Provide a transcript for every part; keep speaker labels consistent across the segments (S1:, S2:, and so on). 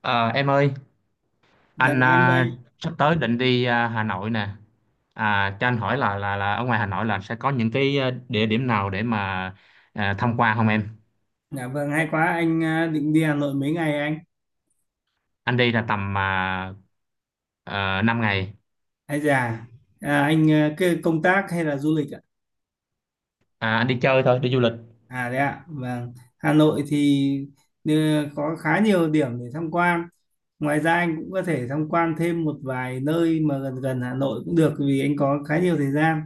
S1: Ờ, em ơi,
S2: Dạ
S1: anh
S2: em
S1: à,
S2: đây.
S1: sắp tới định đi Hà Nội nè. À, cho anh hỏi là ở ngoài Hà Nội là sẽ có những cái địa điểm nào để mà tham quan không em?
S2: Dạ vâng hay quá anh à, định đi Hà Nội mấy ngày anh?
S1: Anh đi là tầm 5 ngày.
S2: Hay già. Anh à, cái công tác hay là du lịch ạ?
S1: À, anh đi chơi thôi, đi du lịch.
S2: À đấy ạ. Vâng. Hà Nội thì ờ, có khá nhiều điểm để tham quan. Ngoài ra anh cũng có thể tham quan thêm một vài nơi mà gần gần Hà Nội cũng được vì anh có khá nhiều thời gian.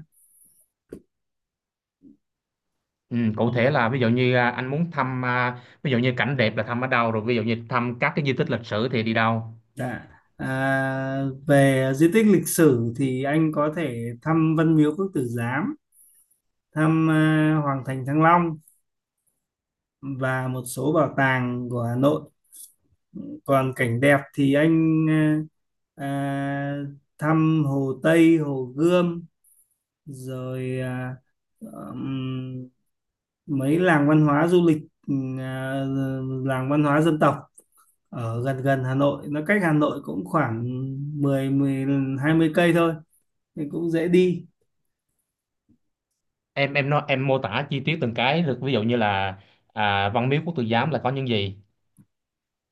S1: Ừ, cụ thể là ví dụ như anh muốn thăm ví dụ như cảnh đẹp là thăm ở đâu, rồi ví dụ như thăm các cái di tích lịch sử thì đi đâu?
S2: Dạ. À, về di tích lịch sử thì anh có thể thăm Văn Miếu Quốc Tử Giám, thăm Hoàng thành Thăng Long và một số bảo tàng của Hà Nội, còn cảnh đẹp thì anh ờ, à, thăm Hồ Tây, Hồ Gươm, rồi ừm, mấy làng văn hóa du lịch, ừm, à, làng văn hóa dân tộc ở gần gần Hà Nội, nó cách Hà Nội cũng khoảng mười mười hai mươi cây thôi, thì cũng dễ đi.
S1: Em nói, em mô tả chi tiết từng cái được, ví dụ như là Văn Miếu Quốc Tử Giám là có những gì?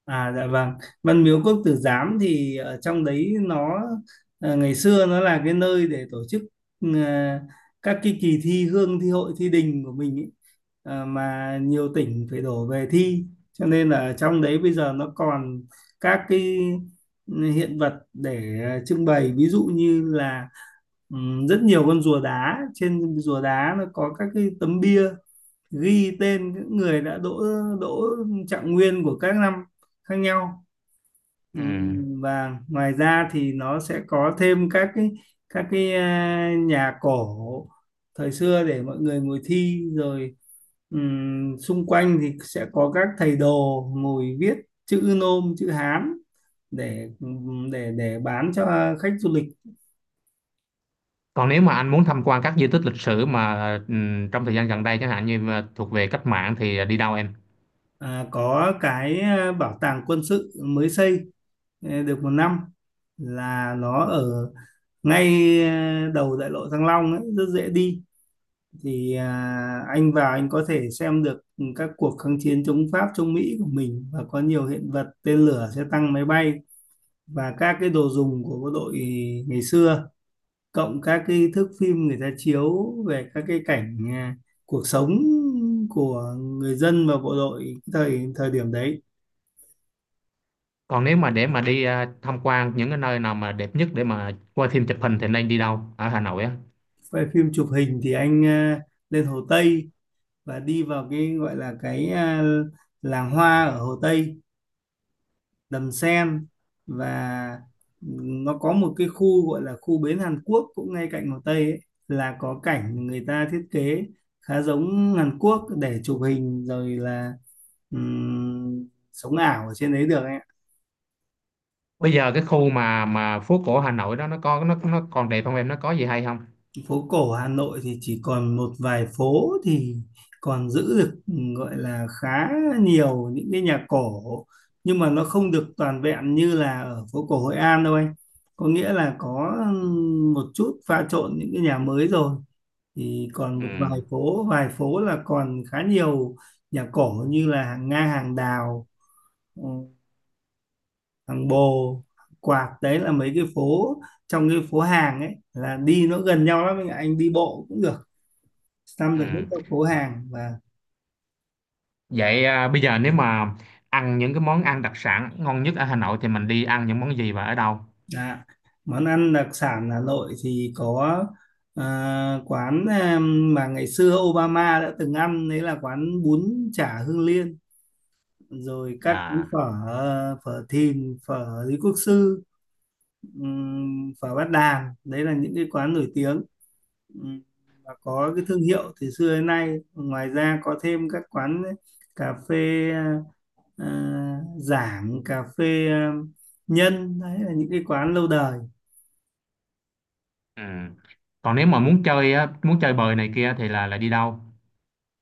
S2: À dạ vâng, Văn Miếu Quốc Tử Giám thì ở trong đấy nó ngày xưa nó là cái nơi để tổ chức ờ, các cái kỳ thi hương, thi hội, thi đình của mình ý. Ờ, mà nhiều tỉnh phải đổ về thi, cho nên là ở trong đấy bây giờ nó còn các cái hiện vật để trưng bày, ví dụ như là rất nhiều con rùa đá, trên rùa đá nó có các cái tấm bia ghi tên những người đã đỗ đỗ trạng nguyên của các năm khác nhau.
S1: Ừ.
S2: Ừm, và ngoài ra thì nó sẽ có thêm các cái, các cái nhà cổ thời xưa để mọi người ngồi thi, rồi xung quanh thì sẽ có các thầy đồ ngồi viết chữ nôm, chữ Hán để để bán cho khách du lịch.
S1: Còn nếu mà anh muốn tham quan các di tích lịch sử mà trong thời gian gần đây, chẳng hạn như mà thuộc về cách mạng thì đi đâu em?
S2: À, có cái bảo tàng quân sự mới xây được 1 năm, là nó ở ngay đầu đại lộ Thăng Long ấy, rất dễ đi, thì anh vào anh có thể xem được các cuộc kháng chiến chống Pháp, chống Mỹ của mình, và có nhiều hiện vật: tên lửa, xe tăng, máy bay và các cái đồ dùng của bộ đội ngày xưa, cộng các cái thước phim người ta chiếu về các cái cảnh cuộc sống của người dân và bộ đội thời thời điểm đấy.
S1: Còn nếu mà để mà đi tham quan những cái nơi nào mà đẹp nhất để mà quay phim chụp hình thì nên đi đâu ở Hà Nội á?
S2: Về phim chụp hình thì anh lên Hồ Tây và đi vào cái gọi là cái làng hoa ở Hồ Tây, Đầm Sen, và nó có một cái khu gọi là khu bến Hàn Quốc cũng ngay cạnh Hồ Tây ấy, là có cảnh người ta thiết kế khá giống Hàn Quốc để chụp hình, rồi là ừm, sống ảo ở trên đấy được.
S1: Bây giờ cái khu mà phố cổ Hà Nội đó, nó có nó còn đẹp không em? Nó có gì hay không?
S2: Phố cổ Hà Nội thì chỉ còn một vài phố thì còn giữ được gọi là khá nhiều những cái nhà cổ, nhưng mà nó không được toàn vẹn như là ở phố cổ Hội An đâu anh, có nghĩa là có một chút pha trộn những cái nhà mới rồi, thì còn một vài
S1: Ừ.
S2: phố, vài phố là còn khá nhiều nhà cổ, như là hàng Nga, hàng Đào, ừ, hàng Bồ, hàng Quạt, đấy là mấy cái phố trong cái phố hàng ấy, là đi nó gần nhau lắm anh ạ, anh đi bộ cũng được, sâm được những
S1: Ừ.
S2: chỗ phố hàng. Và
S1: Bây giờ nếu mà ăn những cái món ăn đặc sản ngon nhất ở Hà Nội thì mình đi ăn những món gì và ở đâu?
S2: à, món ăn đặc sản Hà Nội thì có ờ, quán em, mà ngày xưa Obama đã từng ăn đấy, là quán bún chả Hương Liên, rồi các cái
S1: À.
S2: phở, phở Thìn, phở Lý Quốc Sư, phở Bát Đàn, đấy là những cái quán nổi tiếng. Ừm, và có cái thương hiệu từ xưa đến nay. Ngoài ra có thêm các quán cà phê, Giảng, cà phê Nhân, đấy là những cái quán lâu đời.
S1: Ừ. Còn nếu mà muốn chơi á, muốn chơi bời này kia thì là đi đâu?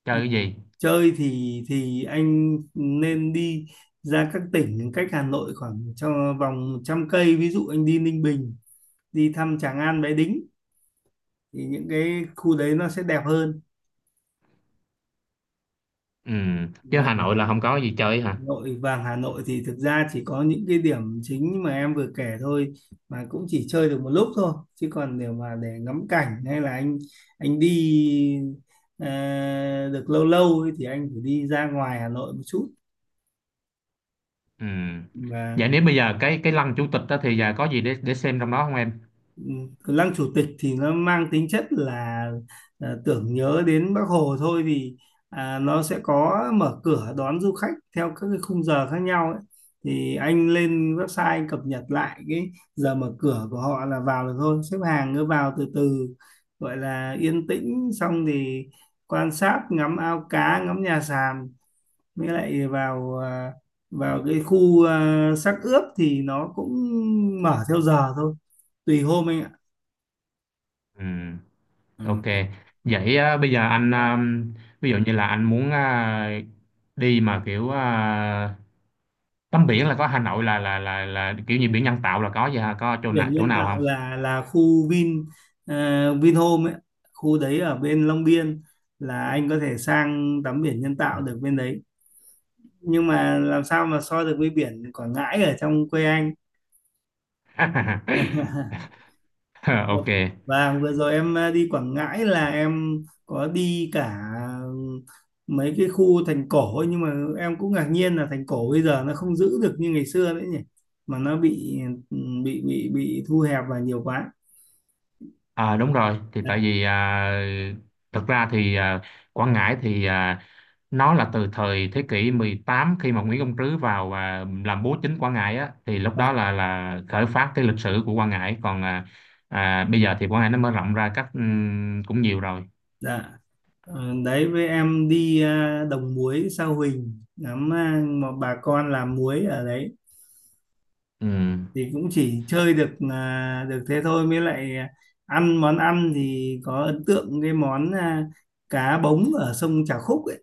S1: Chơi cái gì?
S2: Chơi thì anh nên đi ra các tỉnh cách Hà Nội khoảng trong vòng 100 cây, ví dụ anh đi Ninh Bình, đi thăm Tràng An, Bái Đính, thì những cái khu đấy nó sẽ đẹp hơn.
S1: Ừ. Chứ
S2: Và
S1: Hà Nội là không có gì chơi
S2: Hà
S1: hả?
S2: Nội vàng, Hà Nội thì thực ra chỉ có những cái điểm chính mà em vừa kể thôi, mà cũng chỉ chơi được một lúc thôi, chứ còn nếu mà để ngắm cảnh hay là anh đi ờ, được lâu lâu ấy, thì anh phải đi ra ngoài Hà Nội một chút.
S1: Ừ.
S2: Và
S1: Vậy nếu bây giờ cái lăng chủ tịch đó thì giờ có gì để xem trong đó không em?
S2: lăng chủ tịch thì nó mang tính chất là tưởng nhớ đến Bác Hồ thôi, vì nó sẽ có mở cửa đón du khách theo các cái khung giờ khác nhau ấy. Thì anh lên website anh cập nhật lại cái giờ mở cửa của họ là vào được thôi, xếp hàng cứ vào từ từ, gọi là yên tĩnh, xong thì quan sát ngắm ao cá, ngắm nhà sàn, mới lại vào vào cái khu xác ướp, thì nó cũng mở theo giờ thôi, tùy hôm anh ạ.
S1: Ừ. Ok.
S2: Ừ.
S1: Bây giờ anh
S2: Đó.
S1: à, ví dụ như là anh muốn đi mà kiểu tắm biển, là có Hà Nội là kiểu như biển nhân tạo là có gì hả? Có chỗ nào
S2: Biển nhân tạo
S1: không?
S2: là khu Vin Vinhome ấy. Khu đấy ở bên Long Biên, là anh có thể sang tắm biển nhân tạo được bên đấy, nhưng mà làm sao mà so được với biển Quảng Ngãi ở trong quê anh.
S1: Ok.
S2: Và vừa rồi em đi Quảng Ngãi là em có đi cả mấy cái khu thành cổ ấy, nhưng mà em cũng ngạc nhiên là thành cổ bây giờ nó không giữ được như ngày xưa nữa nhỉ, mà nó bị ừ, bị thu hẹp và nhiều quá.
S1: À, đúng rồi. Thì tại vì thật ra thì Quảng Ngãi thì nó là từ thời thế kỷ 18, khi mà Nguyễn Công Trứ vào và làm bố chính Quảng Ngãi á, thì lúc
S2: Dạ.
S1: đó là khởi phát cái lịch sử của Quảng Ngãi. Còn bây giờ thì Quảng Ngãi nó mở rộng ra cách cũng nhiều rồi.
S2: Dạ, đấy với em đi Đồng Muối Sao Huỳnh, ngắm mà bà con làm muối ở đấy,
S1: Ừ.
S2: thì cũng chỉ chơi được được thế thôi, mới lại ăn món ăn thì có ấn tượng cái món cá bống ở sông Trà Khúc ấy.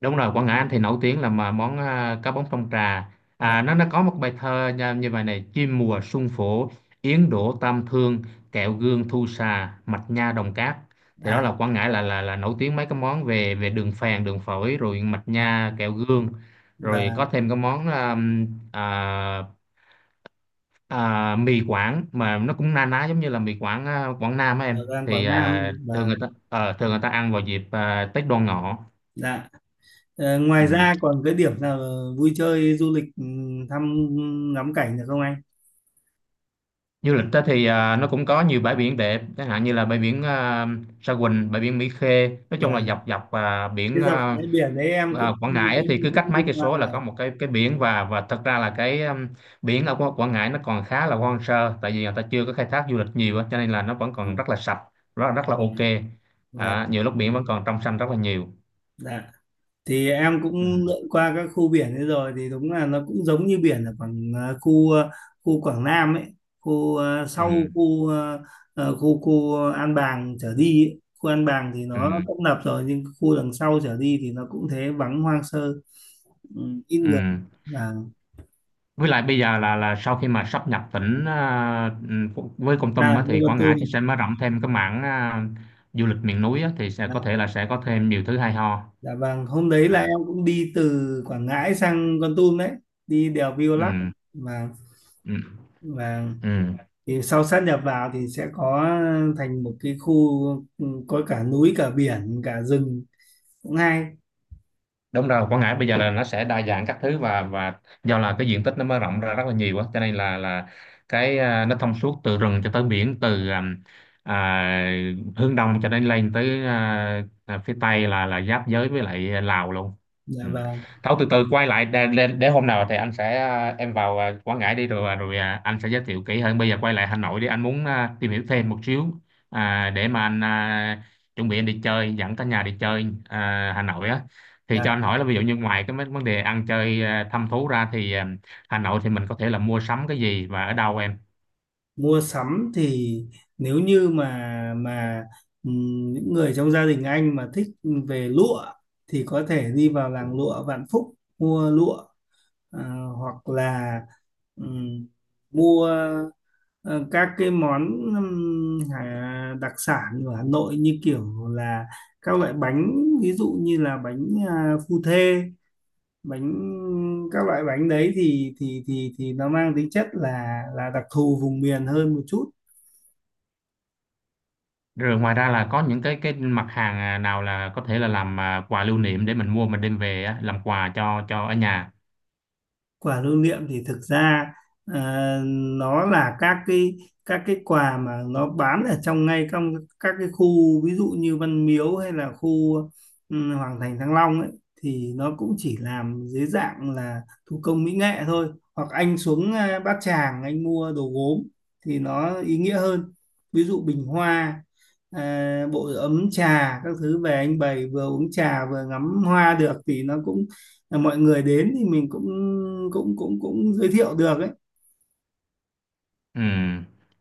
S1: Đúng rồi, Quảng Ngãi anh thì nổi tiếng là mà món cá bóng trong trà.
S2: Và
S1: À, nó có một bài thơ nha, như vậy này: chim mùa xuân phổ, yến đổ tam thương, kẹo gương thu xà, mạch nha đồng cát. Thì đó
S2: à,
S1: là Quảng Ngãi là nổi tiếng mấy cái món về về đường phèn, đường phổi, rồi mạch
S2: và
S1: nha, kẹo gương. Rồi có
S2: và
S1: thêm cái món à, mì Quảng, mà nó cũng na ná giống như là mì Quảng Quảng Nam á
S2: ở
S1: em,
S2: Giang
S1: thì
S2: Quảng Nam.
S1: thường
S2: Và
S1: người ta, thường người ta ăn vào dịp Tết Đoan Ngọ.
S2: dạ. Ờ, ngoài
S1: Ừ.
S2: ra còn cái điểm nào vui chơi du lịch, thăm, ngắm cảnh được không anh?
S1: Du lịch đó thì nó cũng có nhiều bãi biển đẹp, chẳng hạn như là bãi biển Sa Huỳnh, bãi biển Mỹ Khê. Nói chung
S2: Và
S1: là dọc dọc biển
S2: cái dọc bãi biển đấy em cũng
S1: Quảng Ngãi ấy, thì
S2: cũng
S1: cứ cách
S2: cũng đi
S1: mấy cây
S2: qua
S1: số là
S2: rồi.
S1: có một cái biển. Và thật ra là cái biển ở Quảng Quảng Ngãi nó còn khá là hoang sơ, tại vì người ta chưa có khai thác du lịch nhiều á, cho nên là nó vẫn còn rất là sạch, rất rất là
S2: Vâng,
S1: ok. À,
S2: vâng,
S1: nhiều lúc biển vẫn còn trong xanh rất là nhiều.
S2: dạ. Thì em cũng
S1: Ừ,
S2: lượn qua các khu biển ấy rồi thì đúng là nó cũng giống như biển ở Quảng khu khu Quảng Nam ấy, khu ờ, sau
S1: ừ,
S2: khu ờ, ờ, khu khu An Bàng trở đi ấy. Khu An Bàng thì
S1: ừ,
S2: nó tấp nập rồi, nhưng khu đằng sau trở đi thì nó cũng thế, vắng, hoang sơ, ừ, ít người.
S1: ừ.
S2: Và
S1: Với lại bây giờ là sau khi mà sáp nhập tỉnh với Kon Tum
S2: à,
S1: á,
S2: như
S1: thì
S2: Con
S1: Quảng
S2: Tum.
S1: Ngãi thì sẽ mở rộng thêm cái mảng du lịch miền núi á, thì sẽ
S2: Dạ,
S1: có thể là sẽ có thêm nhiều thứ hay ho.
S2: dạ vâng, hôm đấy là
S1: À,
S2: em cũng đi từ Quảng Ngãi sang Con Tum đấy, đi đèo Violac
S1: ừ,
S2: và
S1: ừ,
S2: và
S1: ừ.
S2: thì sau sát nhập vào thì sẽ có, thành một cái khu có cả núi, cả biển, cả rừng, cũng hay.
S1: Đúng rồi, Quảng Ngãi bây giờ là nó sẽ đa dạng các thứ, và do là cái diện tích nó mở rộng ra rất là nhiều á, cho nên là cái nó thông suốt từ rừng cho tới biển, từ à, hướng đông cho đến lên tới phía tây là giáp giới với lại Lào luôn.
S2: Dạ
S1: Ừ.
S2: vâng.
S1: Thôi từ từ quay lại để hôm nào thì anh sẽ em vào Quảng Ngãi đi rồi rồi anh sẽ giới thiệu kỹ hơn. Bây giờ quay lại Hà Nội đi, anh muốn tìm hiểu thêm một xíu để mà anh chuẩn bị anh đi chơi, dẫn cả nhà đi chơi Hà Nội á, thì cho
S2: Dạ.
S1: anh hỏi là ví dụ như ngoài cái mấy vấn đề ăn chơi thăm thú ra thì Hà Nội thì mình có thể là mua sắm cái gì và ở đâu em?
S2: Mua sắm thì nếu như mà mà những người trong gia đình anh mà thích về lụa thì có thể đi vào làng lụa Vạn Phúc mua lụa, à, hoặc là ừm, mua. Ờ, các cái món đặc sản của Hà Nội như kiểu là các loại bánh, ví dụ như là bánh phu thê, bánh, các loại bánh đấy thì nó mang tính chất là đặc thù vùng miền hơn một chút.
S1: Rồi ngoài ra là có những cái mặt hàng nào là có thể là làm quà lưu niệm để mình mua mình đem về á, làm quà cho ở nhà.
S2: Quà lưu niệm thì thực ra ờ, nó là các cái, các cái quà mà nó bán ở trong, ngay trong các cái khu ví dụ như Văn Miếu hay là khu Hoàng Thành Thăng Long ấy, thì nó cũng chỉ làm dưới dạng là thủ công mỹ nghệ thôi, hoặc anh xuống Bát Tràng anh mua đồ gốm thì nó ý nghĩa hơn, ví dụ bình hoa, ờ, bộ ấm trà, các thứ về anh bày vừa uống trà vừa ngắm hoa được, thì nó cũng là mọi người đến thì mình cũng cũng giới thiệu được ấy.
S1: Ừ.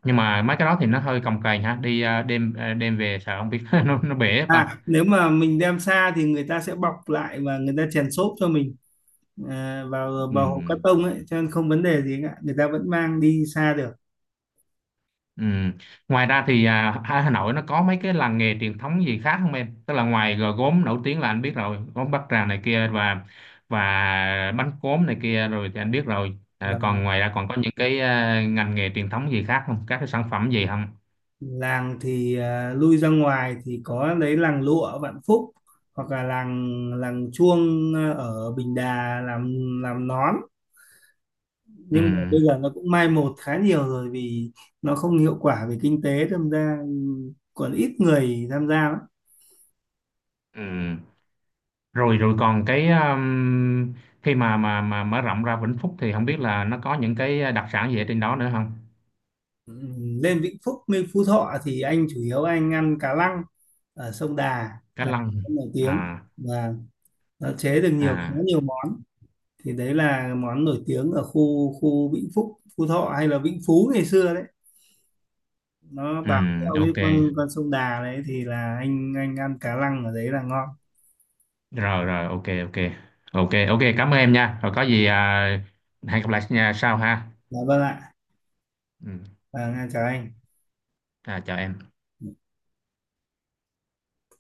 S1: Nhưng mà mấy cái đó thì nó hơi cồng kềnh ha, đi đem đem về sợ không biết nó bể ta.
S2: À nếu mà mình đem xa thì người ta sẽ bọc lại và người ta chèn xốp cho mình, à, vào vào hộp cắt
S1: Ừ.
S2: tông ấy, cho nên không vấn đề gì cả, người ta vẫn mang đi xa được.
S1: Ừ. Ngoài ra thì Hà Hà Nội nó có mấy cái làng nghề truyền thống gì khác không em? Tức là ngoài gò gốm nổi tiếng là anh biết rồi, gốm Bát Tràng này kia, và bánh cốm này kia rồi thì anh biết rồi. À,
S2: Và
S1: còn ngoài ra còn có những cái ngành nghề truyền thống gì khác không? Các cái sản phẩm gì không?
S2: làng thì lui ra ngoài thì có lấy làng lụa ở Vạn Phúc, hoặc là làng làng chuông ở Bình Đà làm nón,
S1: Ừ.
S2: nhưng mà bây giờ nó cũng mai một khá nhiều rồi vì nó không hiệu quả về kinh tế tham gia, còn ít người tham gia lắm.
S1: Ừ. Rồi rồi còn cái khi mà mà mở rộng ra Vĩnh Phúc thì không biết là nó có những cái đặc sản gì ở trên đó nữa không?
S2: Ừ, lên Vĩnh Phúc, lên Phú Thọ thì anh chủ yếu anh ăn cá lăng ở sông Đà,
S1: Cá
S2: là
S1: lăng.
S2: món nổi tiếng,
S1: À
S2: và nó chế được nhiều, khá
S1: à.
S2: nhiều món, thì đấy là món nổi tiếng ở khu khu Vĩnh Phúc, Phú Thọ, hay là Vĩnh Phú ngày xưa đấy, nó
S1: Ừ,
S2: bám theo cái
S1: ok.
S2: con sông Đà đấy, thì là anh ăn cá lăng ở đấy là ngon.
S1: Rồi rồi, ok ok, ok ok, cảm ơn em nha. Rồi có gì hẹn gặp lại nha sau ha.
S2: Dạ vâng ạ.
S1: Ừ.
S2: Và chào anh.
S1: À, chào em.